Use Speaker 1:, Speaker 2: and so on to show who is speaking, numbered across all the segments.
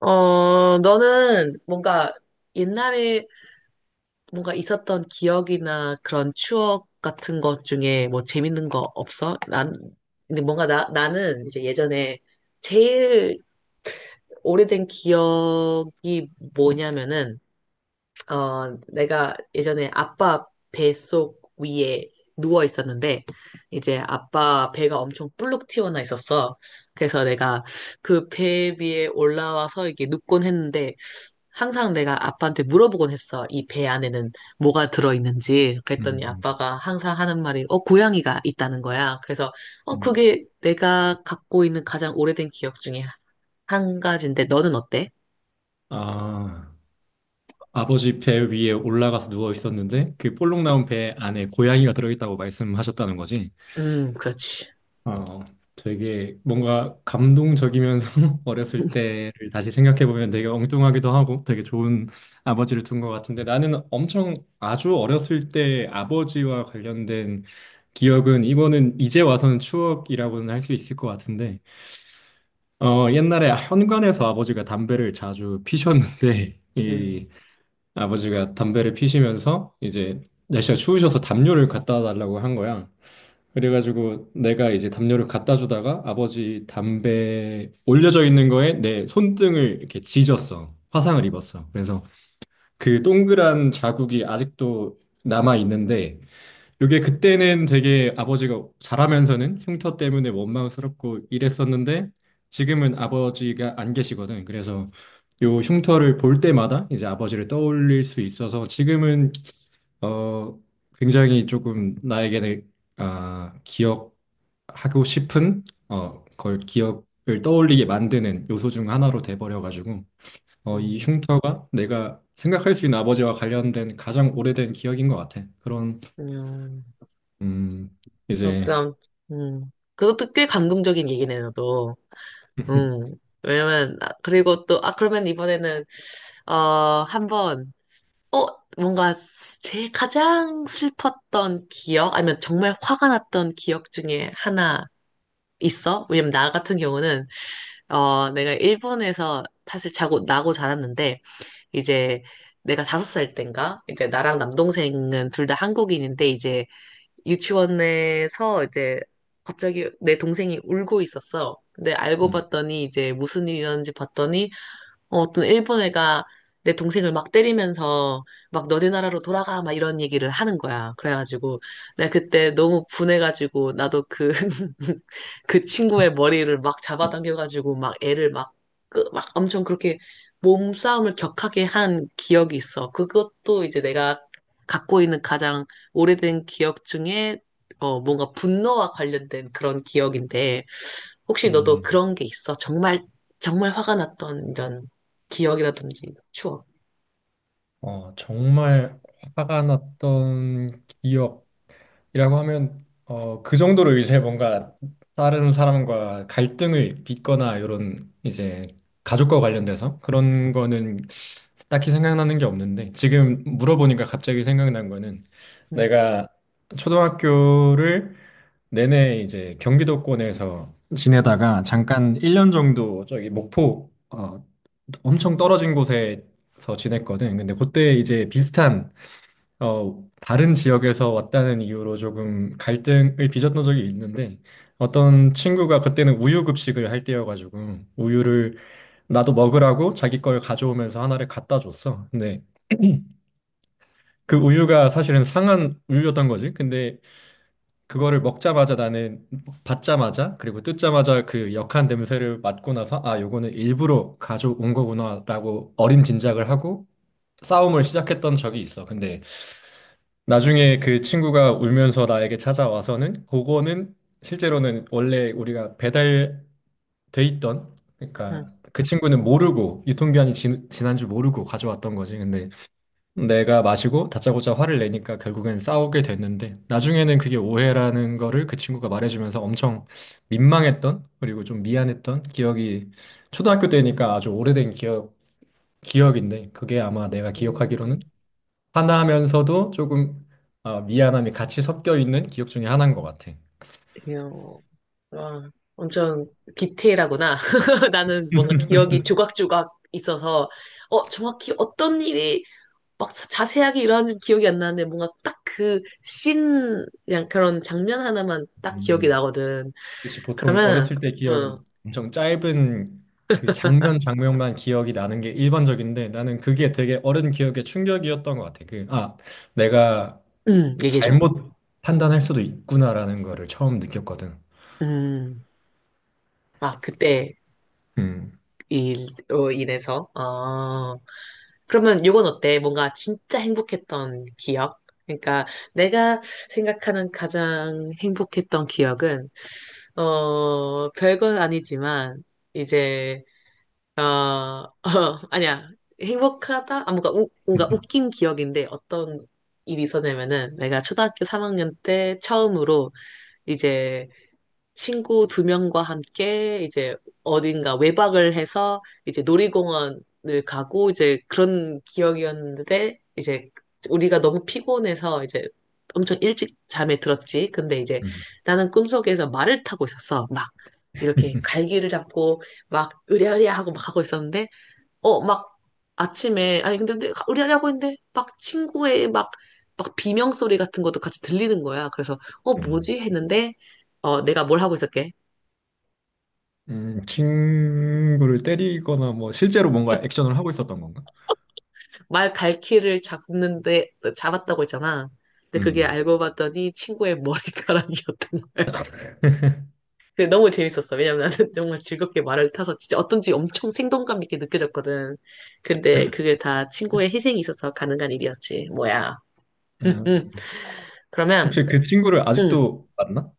Speaker 1: 너는 뭔가 옛날에 뭔가 있었던 기억이나 그런 추억 같은 것 중에 뭐 재밌는 거 없어? 난, 근데 뭔가 나는 이제 예전에 제일 오래된 기억이 뭐냐면은, 내가 예전에 아빠 뱃속 위에 누워 있었는데, 이제 아빠 배가 엄청 불룩 튀어나 있었어. 그래서 내가 그 배 위에 올라와서 이게 눕곤 했는데, 항상 내가 아빠한테 물어보곤 했어. 이 배 안에는 뭐가 들어있는지.
Speaker 2: 음,
Speaker 1: 그랬더니
Speaker 2: 음.
Speaker 1: 아빠가 항상 하는 말이, 고양이가 있다는 거야. 그래서,
Speaker 2: 음.
Speaker 1: 그게 내가 갖고 있는 가장 오래된 기억 중에 한 가지인데, 너는 어때?
Speaker 2: 아, 아버지 배 위에 올라가서 누워 있었는데 그 볼록 나온 배 안에 고양이가 들어있다고 말씀하셨다는 거지.
Speaker 1: 그렇지.
Speaker 2: 어, 되게 뭔가 감동적이면서 어렸을 때를 다시 생각해 보면 되게 엉뚱하기도 하고 되게 좋은 아버지를 둔 것 같은데, 나는 엄청 아주 어렸을 때 아버지와 관련된 기억은, 이거는 이제 와서는 추억이라고는 할 수 있을 것 같은데, 옛날에 현관에서 아버지가 담배를 자주 피셨는데 이
Speaker 1: 음,
Speaker 2: 아버지가 담배를 피시면서 이제 날씨가 추우셔서 담요를 갖다 달라고 한 거야. 그래가지고 내가 이제 담요를 갖다 주다가 아버지 담배 올려져 있는 거에 내 손등을 이렇게 찢었어. 화상을 입었어. 그래서 그 동그란 자국이 아직도 남아 있는데, 이게 그때는 되게 아버지가 잘하면서는 흉터 때문에 원망스럽고 이랬었는데 지금은 아버지가 안 계시거든. 그래서 요 흉터를 볼 때마다 이제 아버지를 떠올릴 수 있어서, 지금은 어 굉장히 조금 나에게는 기억하고 싶은 어걸 기억을 떠올리게 만드는 요소 중 하나로 돼버려가지고, 이
Speaker 1: 음,
Speaker 2: 흉터가 내가 생각할 수 있는 아버지와 관련된 가장 오래된 기억인 것 같아. 그런
Speaker 1: 음.
Speaker 2: 음, 이제.
Speaker 1: 그럼, 그것도 꽤 감동적인 얘기네, 너도. 음. 왜냐면, 아, 그리고 또, 아, 그러면 이번에는, 어, 한번, 어, 뭔가 제일 가장 슬펐던 기억, 아니면 정말 화가 났던 기억 중에 하나 있어? 왜냐면 나 같은 경우는, 내가 일본에서 사실 나고 자랐는데, 이제 내가 5살 땐가? 이제 나랑 남동생은 둘 다 한국인인데, 이제 유치원에서 이제 갑자기 내 동생이 울고 있었어. 근데 알고
Speaker 2: 음,
Speaker 1: 봤더니 이제 무슨 일이었는지 봤더니 어떤 일본 애가 내 동생을 막 때리면서 막 너네 나라로 돌아가 막 이런 얘기를 하는 거야. 그래가지고 내가 그때 너무 분해가지고 나도 그, 그 친구의 머리를 막 잡아당겨가지고 막 애를 막, 막 엄청 그렇게 몸싸움을 격하게 한 기억이 있어. 그것도 이제 내가 갖고 있는 가장 오래된 기억 중에 뭔가 분노와 관련된 그런 기억인데 혹시 너도
Speaker 2: 음,
Speaker 1: 그런 게 있어? 정말 정말 화가 났던 이런 기억이라든지 추억.
Speaker 2: 정말 화가 났던 기억이라고 하면, 그 정도로 이제 뭔가 다른 사람과 갈등을 빚거나 이런 이제 가족과 관련돼서 그런 거는 딱히 생각나는 게 없는데, 지금 물어보니까 갑자기 생각난 거는
Speaker 1: 음,
Speaker 2: 내가 초등학교를 내내 이제 경기도권에서
Speaker 1: 음,
Speaker 2: 지내다가 잠깐 1년 정도 저기 목포, 엄청 떨어진 곳에서 지냈거든. 근데 그때 이제 비슷한, 다른 지역에서 왔다는 이유로 조금 갈등을 빚었던 적이 있는데, 어떤 친구가 그때는 우유 급식을 할 때여가지고 우유를 나도 먹으라고 자기 걸 가져오면서 하나를 갖다 줬어. 근데 그 우유가 사실은 상한 우유였던 거지. 근데 그거를 먹자마자 나는, 받자마자 그리고 뜯자마자 그 역한 냄새를 맡고 나서 요거는 일부러 가져온 거구나라고
Speaker 1: 음,
Speaker 2: 어림짐작을 하고 싸움을 시작했던 적이 있어. 근데 나중에 그 친구가 울면서 나에게 찾아와서는, 그거는 실제로는 원래 우리가 배달돼 있던,
Speaker 1: 음,
Speaker 2: 그러니까 그 친구는 모르고 유통기한이 지난 줄 모르고 가져왔던 거지. 근데 내가 마시고 다짜고짜 화를 내니까 결국엔 싸우게 됐는데, 나중에는 그게 오해라는 거를 그 친구가 말해주면서 엄청 민망했던, 그리고 좀 미안했던 기억이, 초등학교 때니까 아주 오래된 기억 기억인데, 그게 아마 내가 기억하기로는
Speaker 1: 음,
Speaker 2: 화나면서도 조금 아, 미안함이 같이 섞여 있는 기억 중에 하나인 것 같아.
Speaker 1: 이야, 와, 엄청 디테일하구나. 나는 뭔가 기억이 조각조각 있어서, 정확히 어떤 일이 막 자세하게 일어났는지 기억이 안 나는데, 뭔가 딱 그 씬, 그냥 그런 장면 하나만 딱 기억이
Speaker 2: 음.
Speaker 1: 나거든.
Speaker 2: 그치, 보통
Speaker 1: 그러면,
Speaker 2: 어렸을 때 기억은
Speaker 1: 어,
Speaker 2: 엄좀 짧은 그 장면 장면만 기억이 나는 게 일반적인데, 나는 그게 되게 어른 기억에 충격이었던 것 같아. 내가
Speaker 1: 얘기해줘.
Speaker 2: 잘못 판단할 수도 있구나라는 거를 처음 느꼈거든.
Speaker 1: 음, 아, 그때
Speaker 2: 음.
Speaker 1: 일, 로 인해서, 아, 그러면 요건 어때? 뭔가 진짜 행복했던 기억? 그러니까 내가 생각하는 가장 행복했던 기억은, 별건 아니지만, 이제, 어, 아니야. 행복하다? 아, 뭔가, 우, 뭔가 웃긴 기억인데 어떤 일이 있었냐면은 내가 초등학교 3학년 때 처음으로 이제 친구 두 명과 함께 이제 어딘가 외박을 해서 이제 놀이공원을 가고 이제 그런 기억이었는데 이제 우리가 너무 피곤해서 이제 엄청 일찍 잠에 들었지. 근데 이제
Speaker 2: 음.
Speaker 1: 나는 꿈속에서 말을 타고 있었어. 막 이렇게 갈기를 잡고 막 으랴으랴 하고 막 하고 있었는데 막 아침에, 아니, 근데 의리하고 있는데, 막 친구의 막, 막 비명 소리 같은 것도 같이 들리는 거야. 그래서, 어,
Speaker 2: 음.
Speaker 1: 뭐지? 했는데, 내가 뭘 하고 있었게?
Speaker 2: 친구를 때리거나 뭐 실제로 뭔가 액션을 하고 있었던 건가?
Speaker 1: 말 갈퀴를 잡는데, 잡았다고 했잖아. 근데 그게
Speaker 2: 음.
Speaker 1: 알고 봤더니 친구의 머리카락이었던 거야. 근데 너무 재밌었어. 왜냐면 나는 정말 즐겁게 말을 타서 진짜 어떤지 엄청 생동감 있게 느껴졌거든. 근데 그게 다 친구의 희생이 있어서 가능한 일이었지. 뭐야.
Speaker 2: 아,
Speaker 1: 그러면,
Speaker 2: 혹시 그 친구를
Speaker 1: 음.
Speaker 2: 아직도 만나?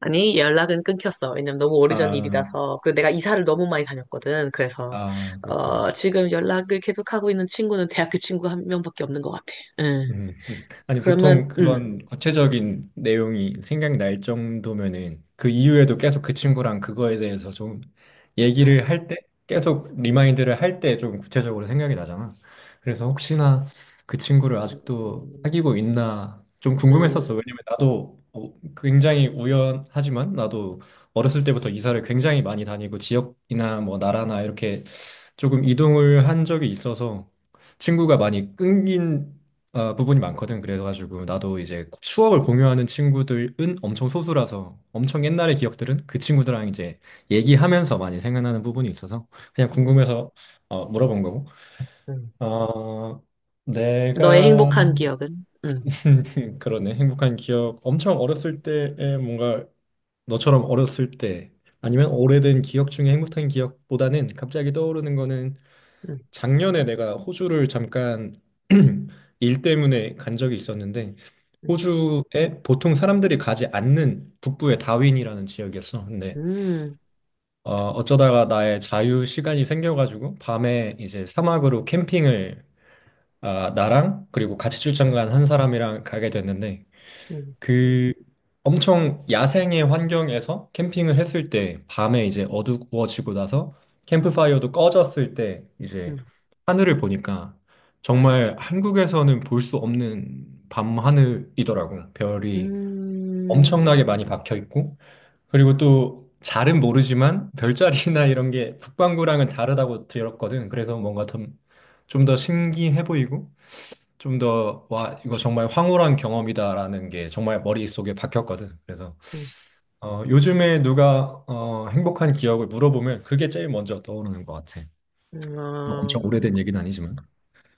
Speaker 1: 아니, 연락은 끊겼어. 왜냐면 너무 오래전
Speaker 2: 아,
Speaker 1: 일이라서. 그리고 내가 이사를 너무 많이 다녔거든. 그래서,
Speaker 2: 아, 그렇구나.
Speaker 1: 지금 연락을 계속하고 있는 친구는 대학교 친구 1명밖에 없는 것 같아. 응.
Speaker 2: 음. 아니, 보통
Speaker 1: 그러면, 응.
Speaker 2: 그런 구체적인 내용이 생각이 날 정도면은, 그 이후에도
Speaker 1: 응.
Speaker 2: 계속 그 친구랑 그거에 대해서 좀
Speaker 1: 아,
Speaker 2: 얘기를 할 때, 계속 리마인드를 할 때 좀 구체적으로 생각이 나잖아. 그래서
Speaker 1: 그렇지.
Speaker 2: 혹시나 그 친구를 아직도
Speaker 1: 음,
Speaker 2: 사귀고 있나 좀
Speaker 1: 음,
Speaker 2: 궁금했었어. 왜냐면 나도 굉장히 우연하지만 나도 어렸을 때부터 이사를 굉장히 많이 다니고 지역이나 뭐 나라나 이렇게 조금 이동을 한 적이 있어서 친구가 많이 끊긴, 부분이 많거든. 그래가지고 나도 이제 추억을 공유하는 친구들은 엄청 소수라서, 엄청 옛날의 기억들은 그 친구들랑 이제 얘기하면서 많이 생각나는 부분이 있어서, 그냥
Speaker 1: 음,
Speaker 2: 궁금해서 물어본 거고.
Speaker 1: 음.
Speaker 2: 어,
Speaker 1: 너의
Speaker 2: 내가
Speaker 1: 행복한 기억은? 응.
Speaker 2: 그러네. 행복한 기억. 엄청 어렸을 때에 뭔가 너처럼 어렸을 때 아니면 오래된 기억 중에 행복한 기억보다는, 갑자기 떠오르는 거는,
Speaker 1: 응.
Speaker 2: 작년에 내가 호주를 잠깐 일 때문에 간 적이 있었는데,
Speaker 1: 응.
Speaker 2: 호주에 보통 사람들이 가지 않는 북부의 다윈이라는 지역이었어. 근데
Speaker 1: 음,
Speaker 2: 어쩌다가 나의 자유 시간이 생겨가지고 밤에 이제 사막으로 캠핑을, 나랑 그리고 같이 출장 간 한 사람이랑 가게 됐는데,
Speaker 1: 음,
Speaker 2: 그 엄청 야생의 환경에서 캠핑을 했을 때 밤에 이제 어두워지고 나서 캠프파이어도 꺼졌을 때 이제
Speaker 1: 음,
Speaker 2: 하늘을 보니까, 정말 한국에서는 볼 수 없는 밤 하늘이더라고. 별이
Speaker 1: 음,
Speaker 2: 엄청나게 많이 박혀 있고, 그리고 또 잘은 모르지만 별자리나 이런 게 북반구랑은 다르다고 들었거든. 그래서 뭔가 좀 더 신기해 보이고 좀 더, 와, 이거 정말 황홀한 경험이다라는 게 정말 머릿속에 박혔거든. 그래서
Speaker 1: 음,
Speaker 2: 요즘에 누가 행복한 기억을 물어보면 그게 제일 먼저 떠오르는 것 같아. 뭐
Speaker 1: 어.
Speaker 2: 엄청 오래된 얘기는 아니지만.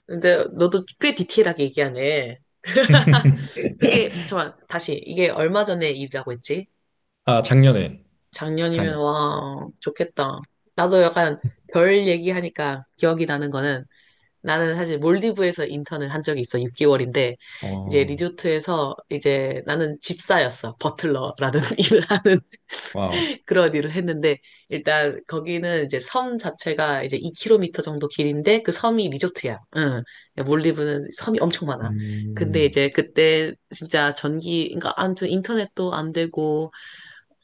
Speaker 1: 근데 너도 꽤 디테일하게 얘기하네. 그게, 잠깐 다시, 이게 얼마 전의 일이라고 했지?
Speaker 2: 아, 작년에
Speaker 1: 작년이면
Speaker 2: 다녀왔어.
Speaker 1: 와 좋겠다. 나도 약간 별 얘기하니까 기억이 나는 거는 나는 사실 몰디브에서 인턴을 한 적이 있어 6개월인데 이제
Speaker 2: 어,
Speaker 1: 리조트에서 이제 나는 집사였어 버틀러라는 일을 하는
Speaker 2: 와우.
Speaker 1: 그런 일을 했는데 일단 거기는 이제 섬 자체가 이제 2km 정도 길인데 그 섬이 리조트야. 응. 그러니까 몰디브는 섬이 엄청 많아. 근데
Speaker 2: 음,
Speaker 1: 이제 그때 진짜 전기 그러니까 아무튼 인터넷도 안 되고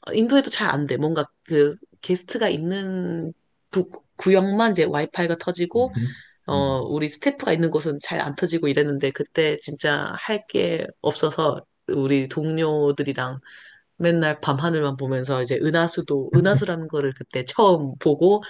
Speaker 1: 인도에도 잘 안 돼. 뭔가 그 게스트가 있는 부- 구역만 이제 와이파이가 터지고,
Speaker 2: 음흠. 음.
Speaker 1: 우리 스태프가 있는 곳은 잘 안 터지고 이랬는데, 그때 진짜 할 게 없어서 우리 동료들이랑 맨날 밤하늘만 보면서 이제 은하수라는 거를 그때 처음 보고,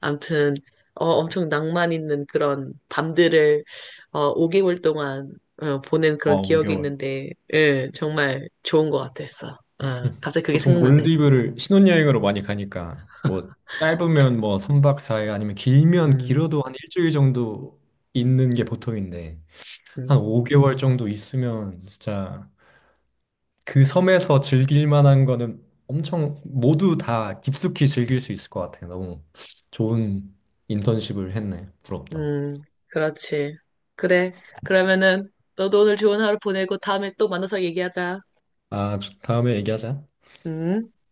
Speaker 1: 암튼, 엄청 낭만 있는 그런 밤들을, 5개월 동안, 보낸
Speaker 2: 와,
Speaker 1: 그런 기억이
Speaker 2: 5개월.
Speaker 1: 있는데, 예, 정말 좋은 것 같았어. 갑자기 그게
Speaker 2: 보통
Speaker 1: 생각나네.
Speaker 2: 몰디브를 신혼여행으로 많이 가니까, 뭐, 짧으면 뭐, 3박 사 일 아니면 길면
Speaker 1: 음.
Speaker 2: 길어도 한 일주일 정도 있는 게 보통인데, 한
Speaker 1: 음,
Speaker 2: 5개월 정도 있으면 진짜 그 섬에서 즐길 만한 거는 엄청 모두 다 깊숙이 즐길 수 있을 것 같아요. 너무 좋은 인턴십을 했네. 부럽다.
Speaker 1: 음, 그렇지. 그래. 그러면은 너도 오늘 좋은 하루 보내고 다음에 또 만나서 얘기하자.
Speaker 2: 아, 다음에 얘기하자.
Speaker 1: 음.